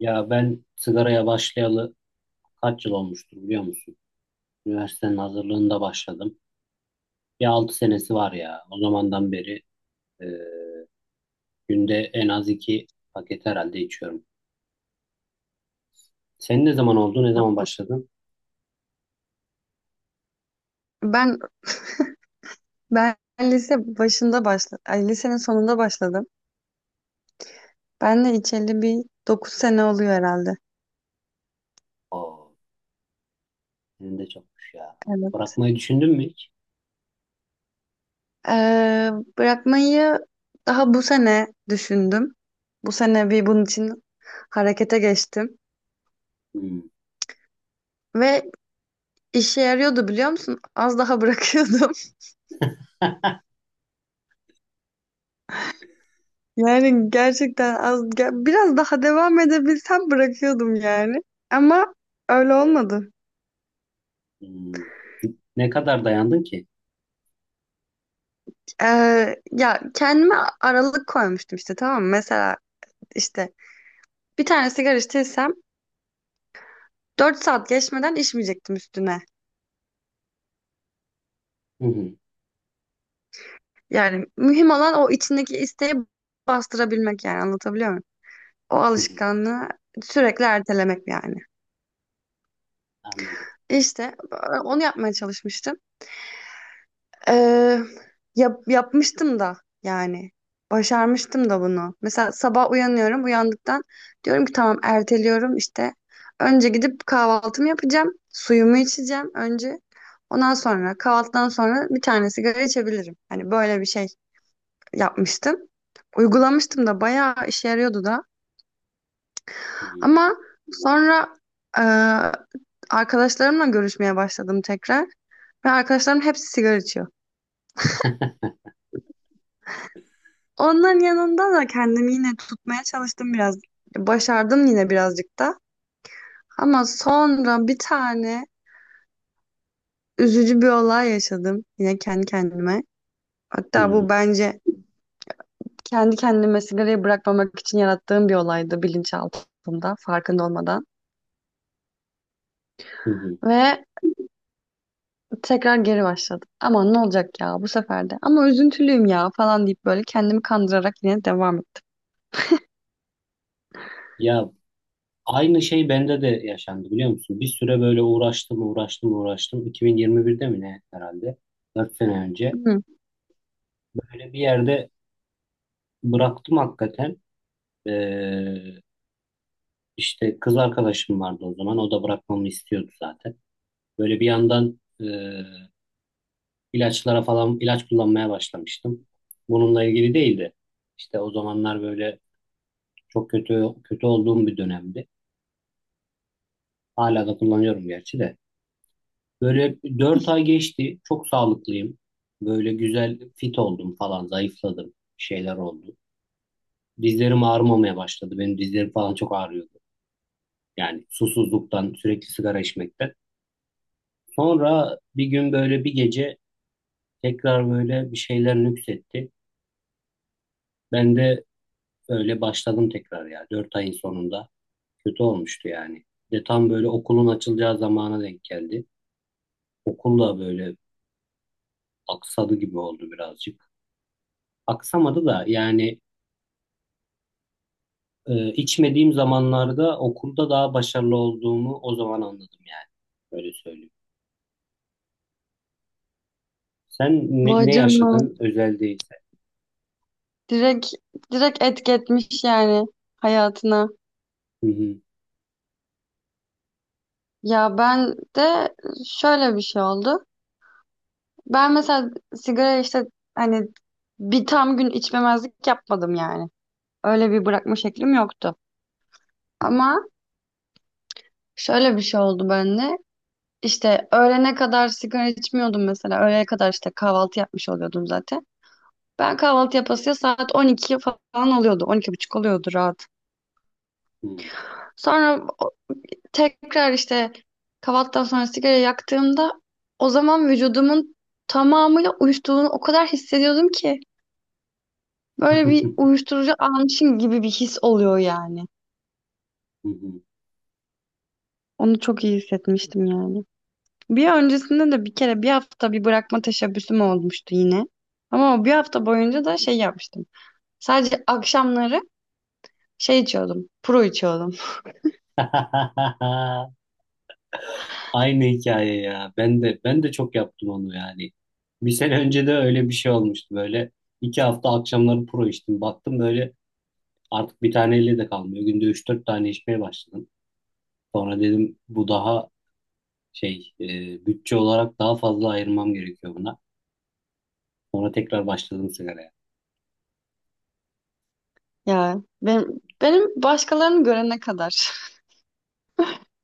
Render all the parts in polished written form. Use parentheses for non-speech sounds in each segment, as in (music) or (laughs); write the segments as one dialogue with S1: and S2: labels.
S1: Ya ben sigaraya başlayalı kaç yıl olmuştur, biliyor musun? Üniversitenin hazırlığında başladım. Bir 6 senesi var ya. O zamandan beri e, günde en az 2 paket herhalde içiyorum. Sen ne zaman oldu? Ne zaman başladın?
S2: Tamam. Ben lise başında lisenin sonunda başladım. Ben de içeli bir 9 sene oluyor herhalde.
S1: Oo, senin de çokmuş ya.
S2: Evet.
S1: Bırakmayı düşündün mü hiç?
S2: Ee, Bırakmayı daha bu sene düşündüm. Bu sene bir bunun için harekete geçtim.
S1: Hmm.
S2: Ve işe yarıyordu biliyor musun? Az daha bırakıyordum. (laughs) Yani gerçekten biraz daha devam edebilsem bırakıyordum yani. Ama öyle olmadı.
S1: Hmm. Ne kadar dayandın ki?
S2: Ya kendime aralık koymuştum işte, tamam mı? Mesela İşte bir tane sigara içtiysem 4 saat geçmeden içmeyecektim üstüne.
S1: Hı hı.
S2: Yani mühim olan o içindeki isteği bastırabilmek, yani anlatabiliyor muyum? O
S1: Hı hı.
S2: alışkanlığı sürekli ertelemek yani.
S1: Anladım.
S2: İşte onu yapmaya çalışmıştım. Ee, Yapmıştım da yani. Başarmıştım da bunu. Mesela sabah uyanıyorum. Uyandıktan diyorum ki tamam, erteliyorum işte. Önce gidip kahvaltımı yapacağım. Suyumu içeceğim önce. Ondan sonra, kahvaltıdan sonra bir tane sigara içebilirim. Hani böyle bir şey yapmıştım. Uygulamıştım da, bayağı işe yarıyordu da.
S1: Hmm.
S2: Ama sonra e, arkadaşlarımla görüşmeye başladım tekrar. Ve arkadaşlarım hepsi sigara içiyor. Onların yanında da kendimi yine tutmaya çalıştım biraz. Başardım yine birazcık da. Ama sonra bir tane üzücü bir olay yaşadım yine kendi kendime.
S1: Hı
S2: Hatta
S1: hı.
S2: bu bence kendi kendime sigarayı bırakmamak için yarattığım bir olaydı, bilinçaltımda farkında olmadan.
S1: Hı hı.
S2: Ve tekrar geri başladım. Aman ne olacak ya bu sefer de. Ama üzüntülüyüm ya falan deyip böyle kendimi kandırarak yine devam ettim.
S1: Ya, aynı şey bende de yaşandı, biliyor musun? Bir süre böyle uğraştım, uğraştım, uğraştım. 2021'de mi ne herhalde? 4 sene önce.
S2: Hı.
S1: Böyle bir yerde bıraktım hakikaten. Ee, işte kız arkadaşım vardı o zaman. O da bırakmamı istiyordu zaten. Böyle bir yandan ilaçlara falan ilaç kullanmaya başlamıştım. Bununla ilgili değildi. İşte o zamanlar böyle çok kötü kötü olduğum bir dönemdi. Hala da kullanıyorum gerçi de. Böyle 4 ay geçti. Çok sağlıklıyım. Böyle güzel fit oldum falan. Zayıfladım. Bir şeyler oldu. Dizlerim ağrımamaya başladı. Benim dizlerim falan çok ağrıyordu. Yani susuzluktan, sürekli sigara içmekten. Sonra bir gün böyle bir gece tekrar böyle bir şeyler nüksetti. Ben de öyle başladım tekrar ya. 4 ayın sonunda. Kötü olmuştu yani. De tam böyle okulun açılacağı zamana denk geldi. Okul da böyle aksadı gibi oldu birazcık, aksamadı da yani içmediğim zamanlarda okulda daha başarılı olduğumu o zaman anladım yani. Öyle söyleyeyim. Sen ne,
S2: Vay
S1: ne
S2: canına.
S1: yaşadın, özel değilse?
S2: Direkt, direkt etki etmiş yani hayatına.
S1: Hı hı.
S2: Ya ben de şöyle bir şey oldu. Ben mesela sigara işte hani bir tam gün içmemezlik yapmadım yani. Öyle bir bırakma şeklim yoktu. Ama şöyle bir şey oldu bende. İşte öğlene kadar sigara içmiyordum mesela. Öğlene kadar işte kahvaltı yapmış oluyordum zaten. Ben kahvaltı yapasıya saat 12 falan oluyordu. 12 buçuk oluyordu rahat.
S1: Hı hı.
S2: Sonra tekrar işte kahvaltıdan sonra sigara yaktığımda o zaman vücudumun tamamıyla uyuştuğunu o kadar hissediyordum ki, böyle
S1: Hı
S2: bir
S1: (laughs)
S2: uyuşturucu almışım gibi bir his oluyor yani.
S1: hı. Hı (laughs) hı.
S2: Onu çok iyi hissetmiştim yani. Bir öncesinde de bir kere bir hafta bir bırakma teşebbüsüm olmuştu yine. Ama o bir hafta boyunca da şey yapmıştım. Sadece akşamları şey içiyordum. Pro içiyordum. (laughs)
S1: Aynı hikaye ya. Ben de çok yaptım onu yani. Bir sene önce de öyle bir şey olmuştu böyle. 2 hafta akşamları pro içtim. Baktım böyle artık bir tane elle de kalmıyor. Günde 3-4 tane içmeye başladım. Sonra dedim bu daha şey, bütçe olarak daha fazla ayırmam gerekiyor buna. Sonra tekrar başladım sigaraya.
S2: Ya benim başkalarını görene kadar.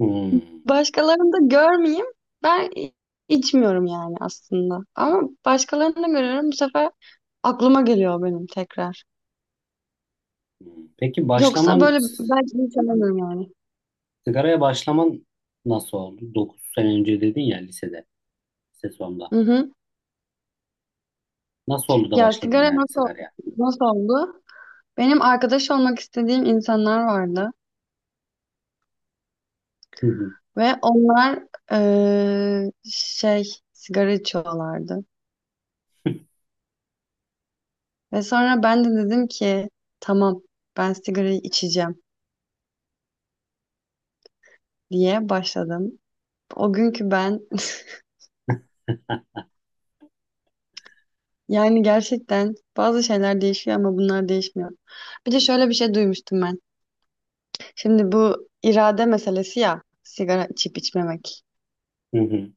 S1: Hmm.
S2: Başkalarını da görmeyeyim. Ben i- içmiyorum yani aslında. Ama başkalarını da görüyorum. Bu sefer aklıma geliyor benim tekrar.
S1: Hmm.
S2: Yoksa böyle belki hiç alamıyorum yani.
S1: Sigaraya başlaman nasıl oldu? 9 sene önce dedin ya, lisede, lise sonunda.
S2: Hı hı.
S1: Nasıl oldu da
S2: Ya
S1: başladın
S2: sigara
S1: yani sigaraya?
S2: nasıl oldu? Benim arkadaş olmak istediğim insanlar vardı.
S1: Hı hı.
S2: Ve onlar eee, şey sigara içiyorlardı.
S1: (laughs)
S2: Ve sonra ben de dedim ki tamam, ben sigarayı içeceğim diye başladım. O günkü ben. (laughs) Yani gerçekten bazı şeyler değişiyor ama bunlar değişmiyor. Bir de şöyle bir şey duymuştum ben. Şimdi bu irade meselesi ya, sigara içip içmemek.
S1: Hı hı.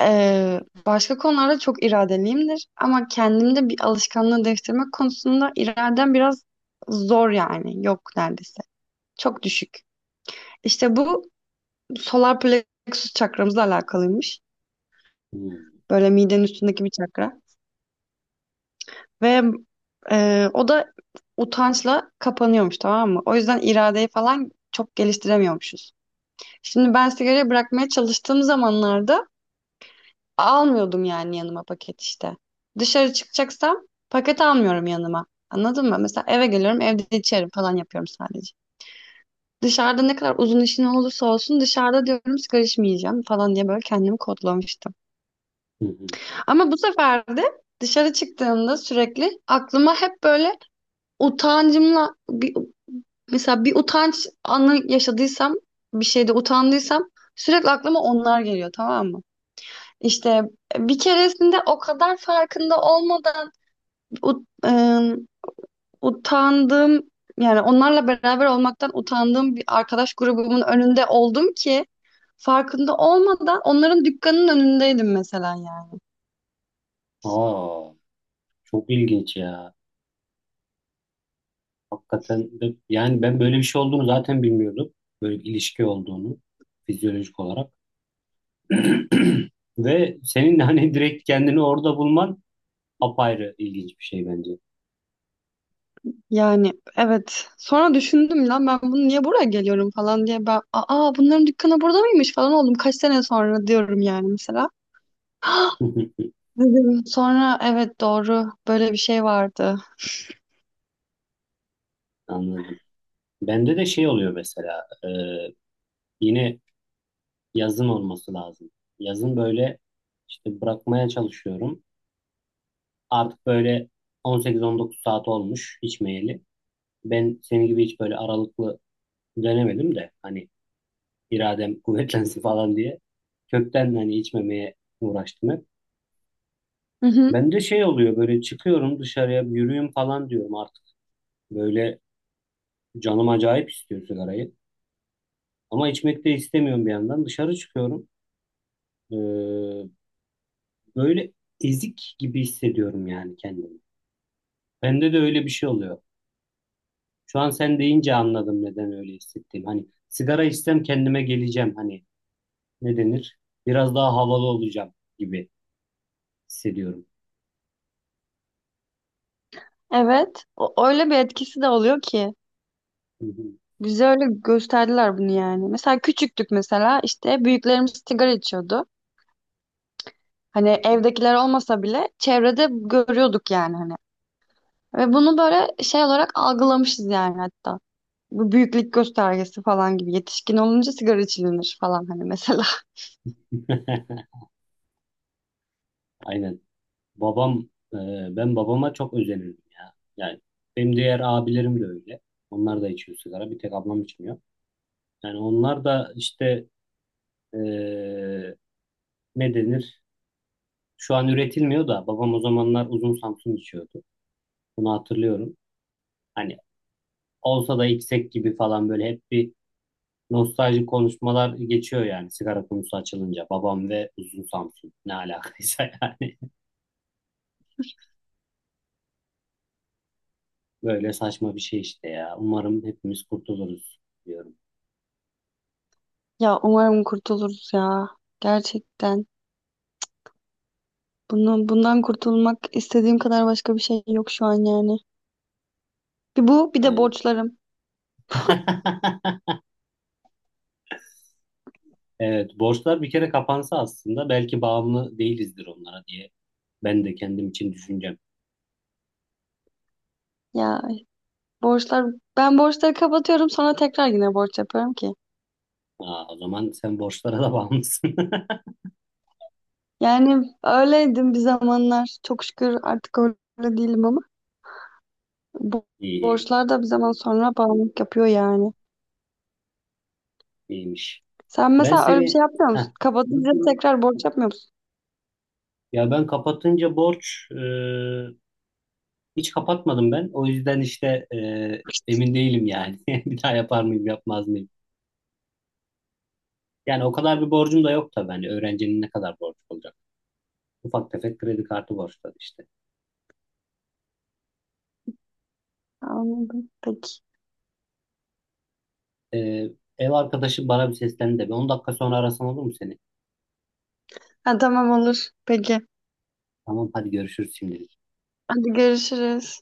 S2: Başka konularda çok iradeliyimdir ama kendimde bir alışkanlığı değiştirmek konusunda iradem biraz zor yani. Yok neredeyse. Çok düşük. İşte bu solar plexus çakramızla alakalıymış.
S1: Hı
S2: Böyle midenin üstündeki bir çakra. Ve o da utançla kapanıyormuş, tamam mı? O yüzden iradeyi falan çok geliştiremiyormuşuz. Şimdi ben sigarayı bırakmaya çalıştığım zamanlarda almıyordum yani yanıma paket işte. Dışarı çıkacaksam paket almıyorum yanıma. Anladın mı? Mesela eve geliyorum, evde içerim falan yapıyorum sadece. Dışarıda ne kadar uzun işin olursa olsun, dışarıda diyorum sigara içmeyeceğim falan diye böyle kendimi kodlamıştım.
S1: hı.
S2: Ama bu sefer de dışarı çıktığımda sürekli aklıma hep böyle utancımla bir, mesela bir utanç anı yaşadıysam, bir şeyde utandıysam sürekli aklıma onlar geliyor, tamam mı? İşte bir keresinde o kadar farkında olmadan ut- ıı, utandığım, yani onlarla beraber olmaktan utandığım bir arkadaş grubumun önünde oldum ki, farkında olmadan onların dükkanının önündeydim mesela yani.
S1: Aa, çok ilginç ya. Yani ben böyle bir şey olduğunu zaten bilmiyordum. Böyle bir ilişki olduğunu, fizyolojik olarak. (clears throat) Ve senin hani direkt kendini orada bulman apayrı ilginç bir şey bence.
S2: Yani evet. Sonra düşündüm, lan ben bunu niye buraya geliyorum falan diye, ben aa bunların dükkanı burada mıymış falan oldum. Kaç sene sonra diyorum yani mesela.
S1: (laughs)
S2: Dedim. Sonra evet doğru, böyle bir şey vardı.
S1: Anladım. Bende de şey oluyor mesela, yine yazın olması lazım. Yazın böyle işte bırakmaya çalışıyorum. Artık böyle 18-19 saat olmuş içmeyeli. Ben senin gibi hiç böyle aralıklı denemedim de hani, iradem (laughs) kuvvetlensin falan diye kökten hani içmemeye uğraştım hep.
S2: Hı hı.
S1: Bende şey oluyor, böyle çıkıyorum dışarıya, bir yürüyüm falan diyorum artık. Böyle canım acayip istiyor sigarayı. Ama içmek de istemiyorum bir yandan. Dışarı çıkıyorum. Ee, Böyle ezik gibi hissediyorum yani kendimi. Bende de öyle bir şey oluyor. Şu an sen deyince anladım neden öyle hissettiğim. Hani sigara içsem kendime geleceğim. Hani, ne denir? Biraz daha havalı olacağım gibi hissediyorum.
S2: Evet. O, öyle bir etkisi de oluyor ki. Bize öyle gösterdiler bunu yani. Mesela küçüktük, mesela işte büyüklerimiz sigara içiyordu. Hani evdekiler olmasa bile çevrede görüyorduk yani hani. Ve bunu böyle şey olarak algılamışız yani, hatta. Bu büyüklük göstergesi falan gibi. Yetişkin olunca sigara içilinir falan hani mesela. (laughs)
S1: (laughs) Aynen. Babam, e, ben babama çok özenirdim ya. Yani benim diğer abilerim de öyle. Onlar da içiyor sigara. Bir tek ablam içmiyor. Yani onlar da işte, e, ne denir? Şu an üretilmiyor da babam o zamanlar uzun Samsun içiyordu. Bunu hatırlıyorum. Hani olsa da içsek gibi falan, böyle hep bir nostaljik konuşmalar geçiyor yani sigara konusu açılınca. Babam ve uzun Samsun ne alakaysa (laughs) yani. Böyle saçma bir şey işte ya. Umarım hepimiz kurtuluruz diyorum.
S2: Ya umarım kurtuluruz ya. Gerçekten. Bundan kurtulmak istediğim kadar başka bir şey yok şu an yani. Bir bu, bir de
S1: Aynen.
S2: borçlarım.
S1: (laughs) Evet, borçlar bir kere kapansa aslında belki bağımlı değilizdir onlara diye ben de kendim için düşüneceğim.
S2: Ya borçlar, ben borçları kapatıyorum sonra tekrar yine borç yapıyorum ki.
S1: Aa, o zaman sen borçlara da bağımlısın. (laughs)
S2: Yani öyleydim bir zamanlar. Çok şükür artık öyle değilim ama bu
S1: İyi,
S2: borçlar da bir zaman sonra bağımlılık yapıyor yani.
S1: iyiymiş.
S2: Sen
S1: Ben
S2: mesela öyle bir
S1: seni,
S2: şey yapmıyor
S1: heh,
S2: musun? Kapatınca tekrar borç yapmıyor musun?
S1: ya ben kapatınca borç, hiç kapatmadım ben. O yüzden işte, emin değilim yani. (laughs) Bir daha yapar mıyım, yapmaz mıyım? Yani o kadar bir borcum da yok tabii. Hani öğrencinin ne kadar borcu olacak? Ufak tefek kredi kartı borçları işte.
S2: Anladım. Peki.
S1: E, ev arkadaşım bana bir seslendi de. Bir 10 dakika sonra arasam olur mu seni?
S2: Ha, tamam olur. Peki.
S1: Tamam hadi görüşürüz şimdi.
S2: Hadi görüşürüz.